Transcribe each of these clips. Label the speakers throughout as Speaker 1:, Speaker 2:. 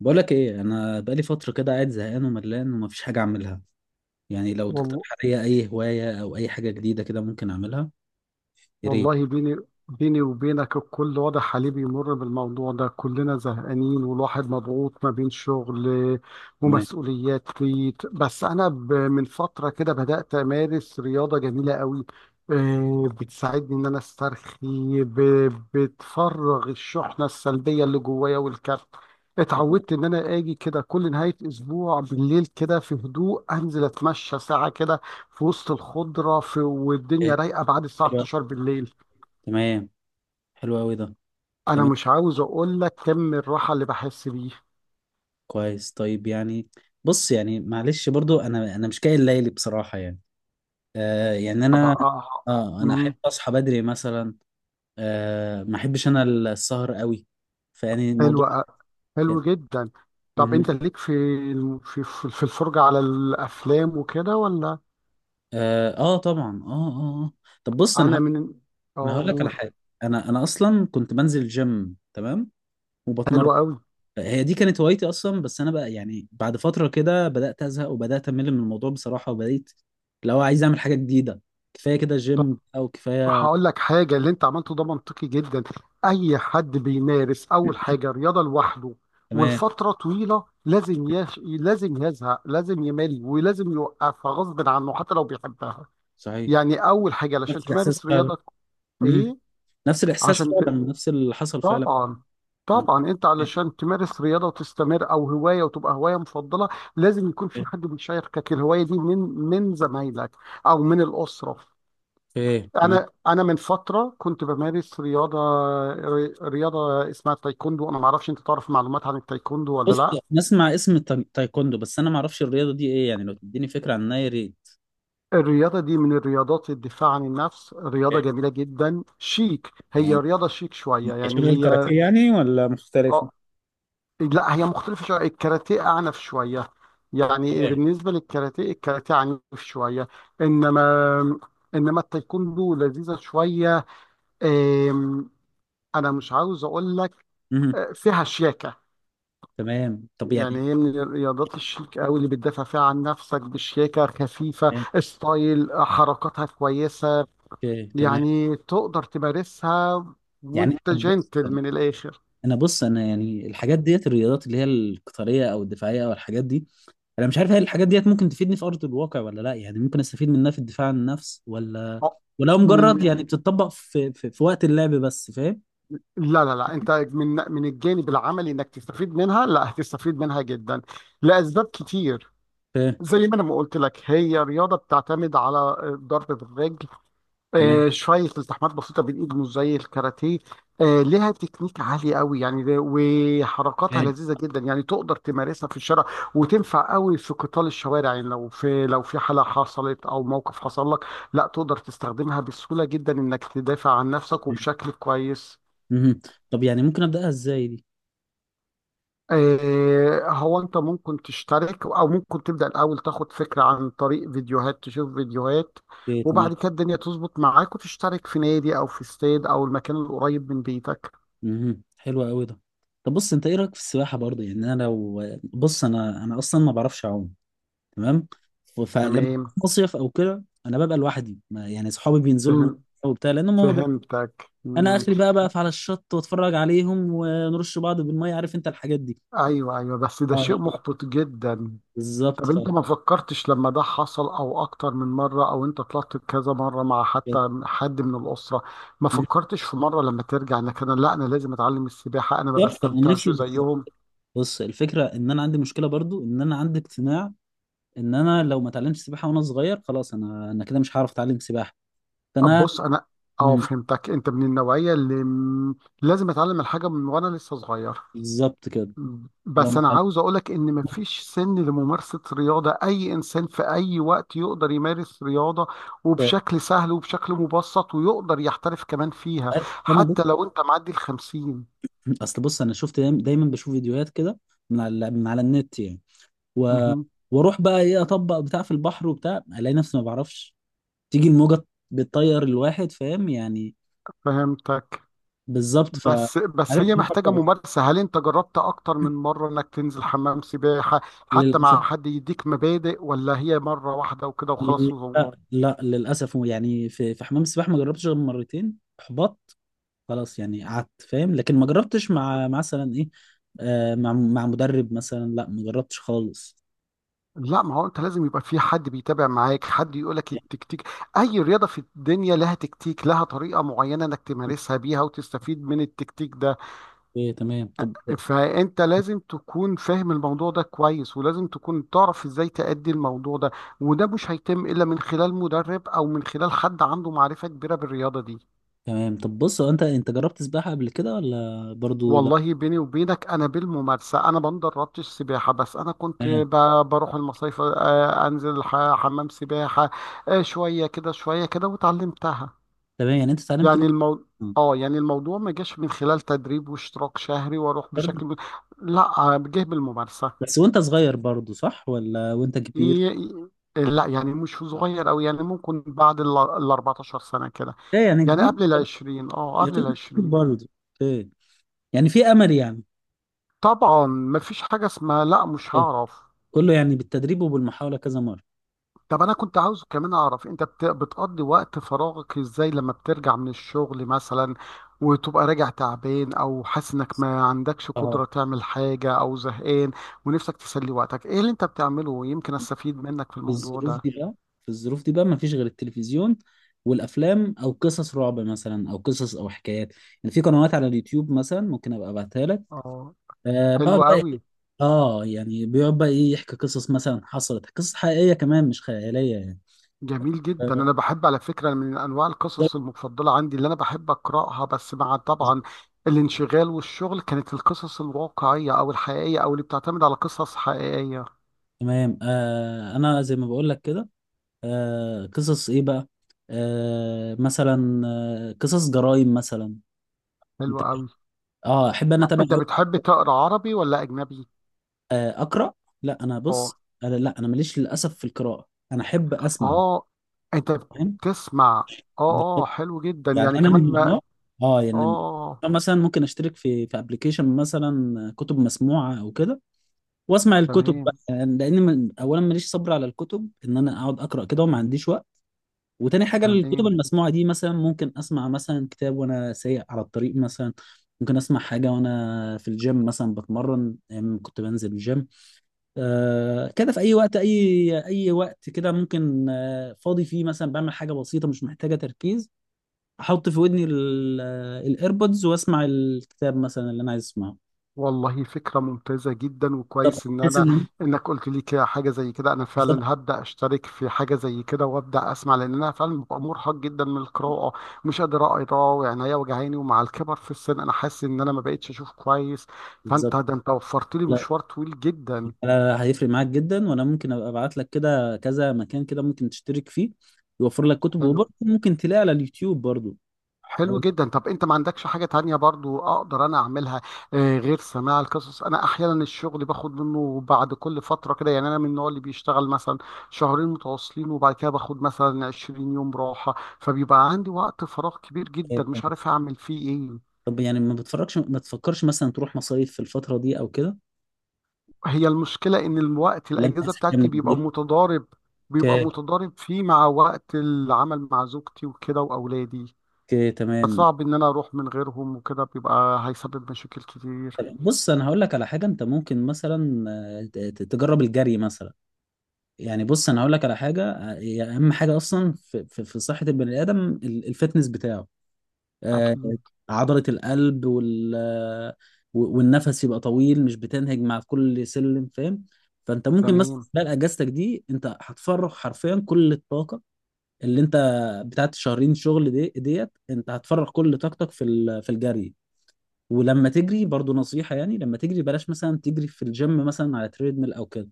Speaker 1: بقولك ايه؟ انا بقالي فتره كده قاعد زهقان وملان ومفيش حاجه اعملها. يعني لو تقترح
Speaker 2: وال-
Speaker 1: عليا اي هوايه او اي حاجه جديده كده ممكن اعملها. يا ريت.
Speaker 2: والله بيني وبينك، الكل واضح عليه بيمر بالموضوع ده. كلنا زهقانين والواحد مضغوط ما بين شغل
Speaker 1: تمام.
Speaker 2: ومسؤوليات بيت. بس أنا من فترة كده بدأت أمارس رياضة جميلة قوي. بتساعدني إن أنا أسترخي، بتفرغ الشحنة السلبية اللي جوايا والكبت.
Speaker 1: حلو.
Speaker 2: اتعودت إن أنا آجي كده كل نهاية أسبوع بالليل، كده في هدوء، أنزل أتمشى ساعة كده في وسط الخضرة، في
Speaker 1: إيه،
Speaker 2: والدنيا رايقة بعد الساعة
Speaker 1: حلو أوي.
Speaker 2: 12 بالليل.
Speaker 1: تمام. حلو قوي ده.
Speaker 2: أنا
Speaker 1: تمام.
Speaker 2: مش عاوز أقول لك كم الراحة اللي بحس بيه.
Speaker 1: كويس، طيب يعني بص، يعني معلش برضو انا مش كاين ليلي بصراحه يعني. آه، يعني
Speaker 2: أبقى
Speaker 1: انا
Speaker 2: آه.
Speaker 1: اه انا احب
Speaker 2: مم.
Speaker 1: اصحى بدري مثلا. آه، ما احبش انا السهر قوي. فيعني الموضوع،
Speaker 2: حلو حلو
Speaker 1: يعني،
Speaker 2: جدا. طب أنت
Speaker 1: مهم.
Speaker 2: ليك في في الفرجة على الأفلام وكده ولا؟
Speaker 1: اه، آه طبعا، اه اه آه. طب بص، انا
Speaker 2: أنا من
Speaker 1: انا
Speaker 2: أه
Speaker 1: هقول لك على
Speaker 2: قول.
Speaker 1: حاجه. انا اصلا كنت بنزل جيم، تمام، وبتمرن.
Speaker 2: حلو أوي.
Speaker 1: هي دي كانت هوايتي اصلا، بس انا بقى يعني بعد فتره كده بدات ازهق وبدات امل من الموضوع بصراحه وبقيت لو عايز اعمل حاجه جديده. كفايه كده جيم او كفايه.
Speaker 2: هقول لك حاجة، اللي انت عملته ده منطقي جدا. اي حد بيمارس اول حاجة رياضة لوحده
Speaker 1: تمام،
Speaker 2: والفترة طويلة لازم لازم يزهق، لازم يمل، ولازم يوقفها غصب عنه حتى لو بيحبها.
Speaker 1: صحيح.
Speaker 2: يعني اول حاجة علشان
Speaker 1: نفس الاحساس
Speaker 2: تمارس
Speaker 1: فعلا.
Speaker 2: رياضة،
Speaker 1: امم.
Speaker 2: ايه،
Speaker 1: نفس الاحساس
Speaker 2: عشان
Speaker 1: فعلا، نفس اللي حصل فعلا.
Speaker 2: طبعا. طبعا انت علشان تمارس رياضة وتستمر او هواية وتبقى هواية مفضلة، لازم يكون في حد بيشاركك الهواية دي، من زمايلك او من الأسرة.
Speaker 1: ايه تمام.
Speaker 2: انا من فتره كنت بمارس رياضه، رياضه اسمها التايكوندو. انا ما اعرفش، انت تعرف معلومات عن التايكوندو ولا
Speaker 1: بص،
Speaker 2: لا؟
Speaker 1: نسمع اسم التايكوندو، بس انا ما اعرفش الرياضه دي ايه. يعني لو تديني فكره عنها يا ريت.
Speaker 2: الرياضه دي من الرياضات الدفاع عن النفس، رياضه
Speaker 1: إيه؟
Speaker 2: جميله جدا، شيك. هي
Speaker 1: يعني
Speaker 2: رياضه شيك شويه يعني.
Speaker 1: شبه
Speaker 2: هي
Speaker 1: الكاراتيه يعني ولا مختلفه؟
Speaker 2: اه، لا هي مختلفه شويه، الكاراتيه اعنف شويه. يعني
Speaker 1: إيه.
Speaker 2: بالنسبه للكاراتيه، الكاراتيه عنيف شويه. انما انما التايكوندو لذيذه شويه. آم، انا مش عاوز اقول لك.
Speaker 1: مهم.
Speaker 2: فيها شياكه.
Speaker 1: تمام، طب
Speaker 2: يعني
Speaker 1: يعني
Speaker 2: هي من الرياضات الشيك قوي اللي بتدافع فيها عن نفسك بشياكة خفيفة، ستايل حركاتها كويسة.
Speaker 1: اوكي تمام.
Speaker 2: يعني تقدر تمارسها
Speaker 1: يعني
Speaker 2: وانت
Speaker 1: طب بص
Speaker 2: جنتل من الآخر.
Speaker 1: انا، بص انا يعني الحاجات ديت الرياضات اللي هي القتاليه او الدفاعيه او الحاجات دي، انا مش عارف هل الحاجات ديت ممكن تفيدني في ارض الواقع ولا لا. يعني ممكن استفيد منها في الدفاع عن النفس ولا
Speaker 2: أه،
Speaker 1: ولو مجرد
Speaker 2: من
Speaker 1: يعني بتطبق في وقت اللعب بس، فاهم؟
Speaker 2: لا لا لا، انت من الجانب العملي، انك تستفيد منها، لا هتستفيد منها جدا لأسباب كتير.
Speaker 1: فاهم.
Speaker 2: زي ما انا ما قلت لك، هي رياضة بتعتمد على الضرب بالرجل.
Speaker 1: تمام.
Speaker 2: شوية التحامات بسيطة بالإيد، مش زي الكاراتيه. لها تكنيك عالي قوي يعني وحركاتها
Speaker 1: فاهم.
Speaker 2: لذيذة جدا. يعني تقدر تمارسها في الشارع وتنفع قوي في قتال الشوارع. يعني لو في حالة حصلت أو موقف حصل لك، لا، تقدر تستخدمها بسهولة جدا، إنك تدافع عن نفسك
Speaker 1: فاهم.
Speaker 2: وبشكل كويس.
Speaker 1: مهم. طب يعني ممكن ابداها ازاي دي؟
Speaker 2: هو انت ممكن تشترك او ممكن تبدا الاول تاخد فكره عن طريق فيديوهات، تشوف فيديوهات.
Speaker 1: اوكي تمام.
Speaker 2: وبعد كده الدنيا تظبط معاك وتشترك في نادي او في استاد او المكان القريب من بيتك.
Speaker 1: مهم. حلو قوي ده. طب بص، انت ايه رايك في السباحه برضه؟ يعني انا لو بص انا اصلا ما بعرفش اعوم. تمام. فلما
Speaker 2: تمام.
Speaker 1: بروح مصيف او كده انا ببقى لوحدي. ما يعني صحابي بينزلوا المية
Speaker 2: فهم
Speaker 1: وبتاع لانهم هم
Speaker 2: فهمتك
Speaker 1: انا
Speaker 2: مم.
Speaker 1: اخري بقى بقف على الشط واتفرج عليهم ونرش بعض بالميه، عارف انت الحاجات دي.
Speaker 2: ايوه، ايوه، بس ده
Speaker 1: اه لا،
Speaker 2: شيء محبط جدا.
Speaker 1: بالظبط.
Speaker 2: طب
Speaker 1: ف
Speaker 2: انت ما فكرتش لما ده حصل او اكتر من مره، او انت طلعت كذا مره مع حتى
Speaker 1: بالظبط.
Speaker 2: حد من الاسره؟ ما فكرتش في مره لما ترجع انك، انا، لا، انا لازم اتعلم السباحه، انا ما
Speaker 1: انا
Speaker 2: بستمتعش
Speaker 1: نفسي
Speaker 2: زيهم؟
Speaker 1: بص، الفكره ان انا عندي مشكله برضو، ان انا عندي اقتناع ان انا لو ما اتعلمتش سباحه وانا صغير خلاص انا كده مش هعرف اتعلم سباحه. فانا،
Speaker 2: بص انا، اه،
Speaker 1: مم.
Speaker 2: فهمتك، انت من النوعيه اللي لازم اتعلم الحاجه من وانا لسه صغير.
Speaker 1: بالظبط كده. لو
Speaker 2: بس
Speaker 1: ما
Speaker 2: انا
Speaker 1: اتعلمتش
Speaker 2: عاوز اقولك ان مفيش سن لممارسه رياضه، اي انسان في اي وقت يقدر يمارس رياضه وبشكل سهل وبشكل مبسط، ويقدر يحترف كمان فيها،
Speaker 1: انا.
Speaker 2: حتى لو انت معدي الخمسين.
Speaker 1: اصل بص انا شفت دايماً بشوف فيديوهات كده، من على النت يعني و...
Speaker 2: مهم.
Speaker 1: واروح بقى ايه اطبق بتاع في البحر وبتاع، الاقي نفسي ما بعرفش، تيجي الموجه بتطير الواحد، فاهم يعني.
Speaker 2: فهمتك.
Speaker 1: بالظبط. ف
Speaker 2: بس
Speaker 1: عرفت.
Speaker 2: هي محتاجه ممارسه، هل انت جربت اكتر من مره انك تنزل حمام سباحه، حتى
Speaker 1: للاسف
Speaker 2: مع حد يديك مبادئ، ولا هي مره واحده وكده وخلاص؟
Speaker 1: لا، لا للاسف. يعني في حمام السباحه ما جربتش غير مرتين، احبطت خلاص. يعني قعدت فاهم لكن ما جربتش مع مثلا ايه، آه، مع مع مدرب مثلا، لا ما جربتش خالص.
Speaker 2: لا، ما هو انت لازم يبقى في حد بيتابع معاك، حد يقولك التكتيك. اي رياضة في الدنيا لها تكتيك، لها طريقة معينة انك تمارسها بيها وتستفيد من التكتيك ده.
Speaker 1: ايه تمام. طب
Speaker 2: فانت لازم تكون فاهم الموضوع ده كويس، ولازم تكون تعرف ازاي تأدي الموضوع ده، وده مش هيتم الا من خلال مدرب او من خلال حد عنده معرفة كبيرة بالرياضة دي.
Speaker 1: تمام. طب بص، هو انت انت جربت سباحه قبل كده ولا برضو لا؟
Speaker 2: والله بيني وبينك، انا بالممارسه، انا ما دربتش سباحه، بس انا كنت
Speaker 1: تمام.
Speaker 2: بروح المصايف. انزل حمام سباحه. شويه كده شويه كده وتعلمتها.
Speaker 1: تمام، يعني انت اتعلمت
Speaker 2: يعني
Speaker 1: لوحدك
Speaker 2: اه يعني الموضوع ما جاش من خلال تدريب واشتراك شهري واروح
Speaker 1: برضو.
Speaker 2: بشكل لا، جه بالممارسه.
Speaker 1: بس وانت صغير برضو صح ولا وانت كبير؟
Speaker 2: ي- لا يعني مش صغير قوي، يعني ممكن بعد ال 14 سنه كده.
Speaker 1: ايه، يعني
Speaker 2: يعني
Speaker 1: كبير.
Speaker 2: قبل ال 20، قبل ال
Speaker 1: هتقول كبير
Speaker 2: 20.
Speaker 1: برضو. ايه. يعني في امل يعني؟
Speaker 2: طبعا ما فيش حاجه اسمها لا مش
Speaker 1: ايه.
Speaker 2: هعرف.
Speaker 1: كله يعني بالتدريب وبالمحاوله كذا مره.
Speaker 2: طب انا كنت عاوز كمان اعرف، انت بتقضي وقت فراغك ازاي لما بترجع من الشغل مثلا، وتبقى راجع تعبان او حاسس انك ما عندكش
Speaker 1: اه.
Speaker 2: قدرة تعمل حاجة، او زهقان، ونفسك تسلي وقتك، ايه اللي انت بتعمله، يمكن استفيد منك في
Speaker 1: في
Speaker 2: الموضوع
Speaker 1: الظروف دي
Speaker 2: ده؟
Speaker 1: بقى في الظروف دي بقى ما فيش غير التلفزيون والافلام او قصص رعب مثلا او قصص او حكايات. يعني في قنوات على اليوتيوب مثلا ممكن ابقى ابعتها لك.
Speaker 2: اه.
Speaker 1: آه
Speaker 2: حلو
Speaker 1: بقعد بقى
Speaker 2: قوي.
Speaker 1: اه يعني بيقعد بقى ايه يحكي قصص مثلا، حصلت قصص حقيقيه كمان مش خياليه يعني.
Speaker 2: جميل جدا،
Speaker 1: آه،
Speaker 2: انا بحب على فكرة، من انواع
Speaker 1: ده
Speaker 2: القصص المفضلة عندي اللي انا بحب اقراها، بس مع
Speaker 1: بالنسبة
Speaker 2: طبعا
Speaker 1: لي.
Speaker 2: الانشغال والشغل، كانت القصص الواقعية او الحقيقية، او اللي بتعتمد على قصص حقيقية.
Speaker 1: تمام آه، انا زي ما بقول لك كده، آه قصص ايه بقى؟ آه مثلا آه قصص جرائم مثلا.
Speaker 2: حلو
Speaker 1: انت،
Speaker 2: قوي.
Speaker 1: اه احب انا اتابع
Speaker 2: انت
Speaker 1: أوي.
Speaker 2: بتحب تقرا عربي ولا اجنبي؟
Speaker 1: آه اقرا. لا انا،
Speaker 2: اه،
Speaker 1: بص انا لا انا ماليش للاسف في القراءه، انا احب اسمع،
Speaker 2: اه، انت
Speaker 1: فاهم؟
Speaker 2: بتسمع.
Speaker 1: ده-
Speaker 2: اه، اه، حلو جدا
Speaker 1: يعني
Speaker 2: يعني
Speaker 1: انا
Speaker 2: كمان
Speaker 1: من
Speaker 2: ما
Speaker 1: النوع اه يعني،
Speaker 2: آه.
Speaker 1: مثلا ممكن اشترك في ابلكيشن مثلا كتب مسموعه او كده، واسمع الكتب بقى.
Speaker 2: تمام،
Speaker 1: يعني لان من اولا ماليش صبر على الكتب ان انا اقعد اقرا كده وما عنديش وقت، وتاني حاجه الكتب
Speaker 2: تمام.
Speaker 1: المسموعه دي مثلا ممكن اسمع مثلا كتاب وانا سايق على الطريق مثلا. ممكن اسمع حاجه وانا في الجيم مثلا بتمرن، أيام كنت بنزل الجيم. آه كده، في اي وقت، اي اي وقت كده، ممكن آه فاضي فيه مثلا بعمل حاجه بسيطه مش محتاجه تركيز، احط في ودني الايربودز واسمع الكتاب مثلا اللي انا عايز اسمعه.
Speaker 2: والله فكرة ممتازة جدا،
Speaker 1: بالظبط،
Speaker 2: وكويس ان
Speaker 1: بحيث
Speaker 2: انا
Speaker 1: ان
Speaker 2: انك قلت لي كده حاجة زي كده، انا
Speaker 1: بالظبط
Speaker 2: فعلا هبدأ اشترك في حاجة زي كده وابدأ اسمع، لان انا فعلا ببقى مرهق جدا من القراءة. مش قادر اقرا، وعينيا وجعاني، ومع الكبر في السن انا حاسس ان انا ما بقتش اشوف كويس.
Speaker 1: بالظبط
Speaker 2: فانت ده انت وفرت لي مشوار طويل جدا.
Speaker 1: لا لا، هيفرق معاك جدا. وانا ممكن ابقى ابعت لك كده كذا مكان كده ممكن تشترك فيه، يوفر لك كتب،
Speaker 2: حلو.
Speaker 1: وبرضه ممكن تلاقي على اليوتيوب برضه.
Speaker 2: حلو جدا. طب انت ما عندكش حاجة تانية برضو اقدر انا اعملها غير سماع القصص؟ انا احيانا الشغل باخد منه بعد كل فترة كده، يعني انا من النوع اللي بيشتغل مثلا شهرين متواصلين وبعد كده باخد مثلا 20 يوم راحة، فبيبقى عندي وقت فراغ كبير جدا
Speaker 1: آه،
Speaker 2: مش عارف اعمل فيه ايه.
Speaker 1: طب يعني ما تفكرش مثلا تروح مصايف في الفترة دي او كده؟
Speaker 2: هي المشكلة ان الوقت،
Speaker 1: لا انت
Speaker 2: الاجازة
Speaker 1: عايز حاجة من
Speaker 2: بتاعتي
Speaker 1: البيت؟
Speaker 2: بيبقى
Speaker 1: اوكي.
Speaker 2: متضارب فيه مع وقت العمل، مع زوجتي وكده واولادي،
Speaker 1: اوكي، تمام.
Speaker 2: فصعب ان انا اروح من غيرهم، وكده بيبقى هيسبب مشاكل كتير.
Speaker 1: بص انا هقول لك على حاجة، انت ممكن مثلا آه، تجرب الجري مثلا. يعني بص انا هقول لك على حاجة آه، هي اهم حاجة اصلا في صحة البني ادم، الفتنس بتاعه، آه،
Speaker 2: اكيد.
Speaker 1: عضلة القلب، وال آه، والنفس يبقى طويل، مش بتنهج مع كل سلم، فاهم؟ فانت ممكن مثلا
Speaker 2: تمام.
Speaker 1: خلال اجازتك دي انت هتفرغ حرفيا كل الطاقة اللي انت بتاعت شهرين شغل دي ديت. انت هتفرغ كل طاقتك في الجري. ولما تجري برضو، نصيحة يعني، لما تجري بلاش مثلا تجري في الجيم مثلا على تريدميل او كده.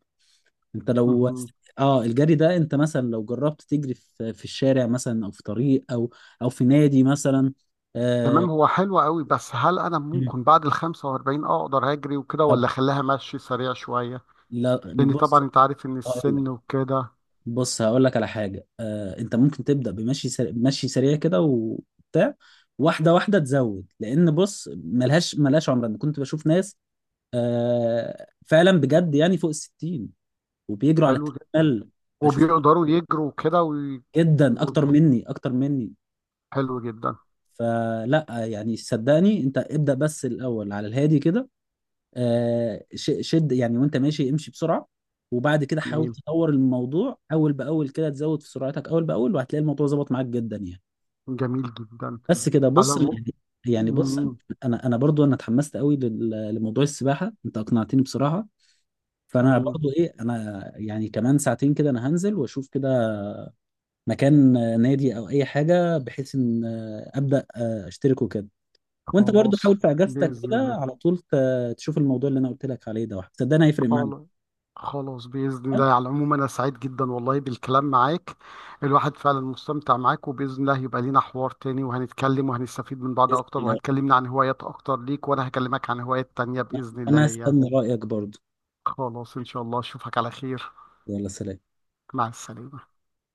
Speaker 1: انت لو
Speaker 2: مهم.
Speaker 1: اه الجري ده، انت مثلا لو جربت تجري في الشارع مثلا، او في طريق، او او في نادي مثلا. آه،
Speaker 2: تمام، هو حلو قوي، بس هل انا ممكن بعد ال 45 اقدر اجري وكده،
Speaker 1: طب
Speaker 2: ولا اخليها مشي سريع شويه؟
Speaker 1: لا
Speaker 2: لان
Speaker 1: بص
Speaker 2: طبعا انت عارف ان
Speaker 1: هقول لك،
Speaker 2: السن وكده.
Speaker 1: بص هقول لك على حاجه، آه انت ممكن تبدا بمشي سريع، مشي سريع كده وبتاع، واحده واحده تزود. لان بص، ملهاش عمر. انا كنت بشوف ناس آه فعلا بجد يعني فوق الـ60، وبيجروا على
Speaker 2: حلو جدا.
Speaker 1: التريدميل. بشوف
Speaker 2: وبيقدروا يجروا كده
Speaker 1: جدا،
Speaker 2: و...
Speaker 1: اكتر مني اكتر مني.
Speaker 2: حلو جدا.
Speaker 1: فلا يعني صدقني انت ابدا، بس الاول على الهادي كده آه، شد يعني وانت ماشي، امشي بسرعه، وبعد كده حاول
Speaker 2: تمام.
Speaker 1: تطور الموضوع اول باول كده، تزود في سرعتك اول باول وهتلاقي الموضوع ظبط معاك جدا يعني.
Speaker 2: جميل جدا.
Speaker 1: بس كده.
Speaker 2: على
Speaker 1: بص
Speaker 2: م...
Speaker 1: يعني، يعني بص،
Speaker 2: مم.
Speaker 1: انا برضو انا اتحمست قوي لموضوع السباحه، انت اقنعتني بصراحه. فانا
Speaker 2: تمام.
Speaker 1: برضو ايه، انا يعني كمان ساعتين كده انا هنزل واشوف كده مكان آه، نادي او اي حاجه بحيث ان آه، ابدا آه، اشترك وكده. وانت برضو
Speaker 2: خلاص،
Speaker 1: حاول في اجازتك
Speaker 2: باذن
Speaker 1: كده
Speaker 2: الله.
Speaker 1: على طول تشوف الموضوع اللي انا قلت لك عليه ده، صدقني هيفرق معاك.
Speaker 2: خلاص. خلاص بإذن الله،
Speaker 1: تمام؟
Speaker 2: على العموم أنا سعيد جدا والله بالكلام معاك. الواحد فعلا مستمتع معاك، وبإذن الله هيبقى لينا حوار تاني وهنتكلم وهنستفيد من بعض
Speaker 1: بإذن
Speaker 2: أكتر،
Speaker 1: الله.
Speaker 2: وهتكلمنا عن هوايات أكتر ليك، وأنا هكلمك عن هوايات تانية بإذن الله
Speaker 1: انا
Speaker 2: ليا.
Speaker 1: هستنى رايك برضو.
Speaker 2: خلاص إن شاء الله أشوفك على خير.
Speaker 1: يلا سلام.
Speaker 2: مع السلامة.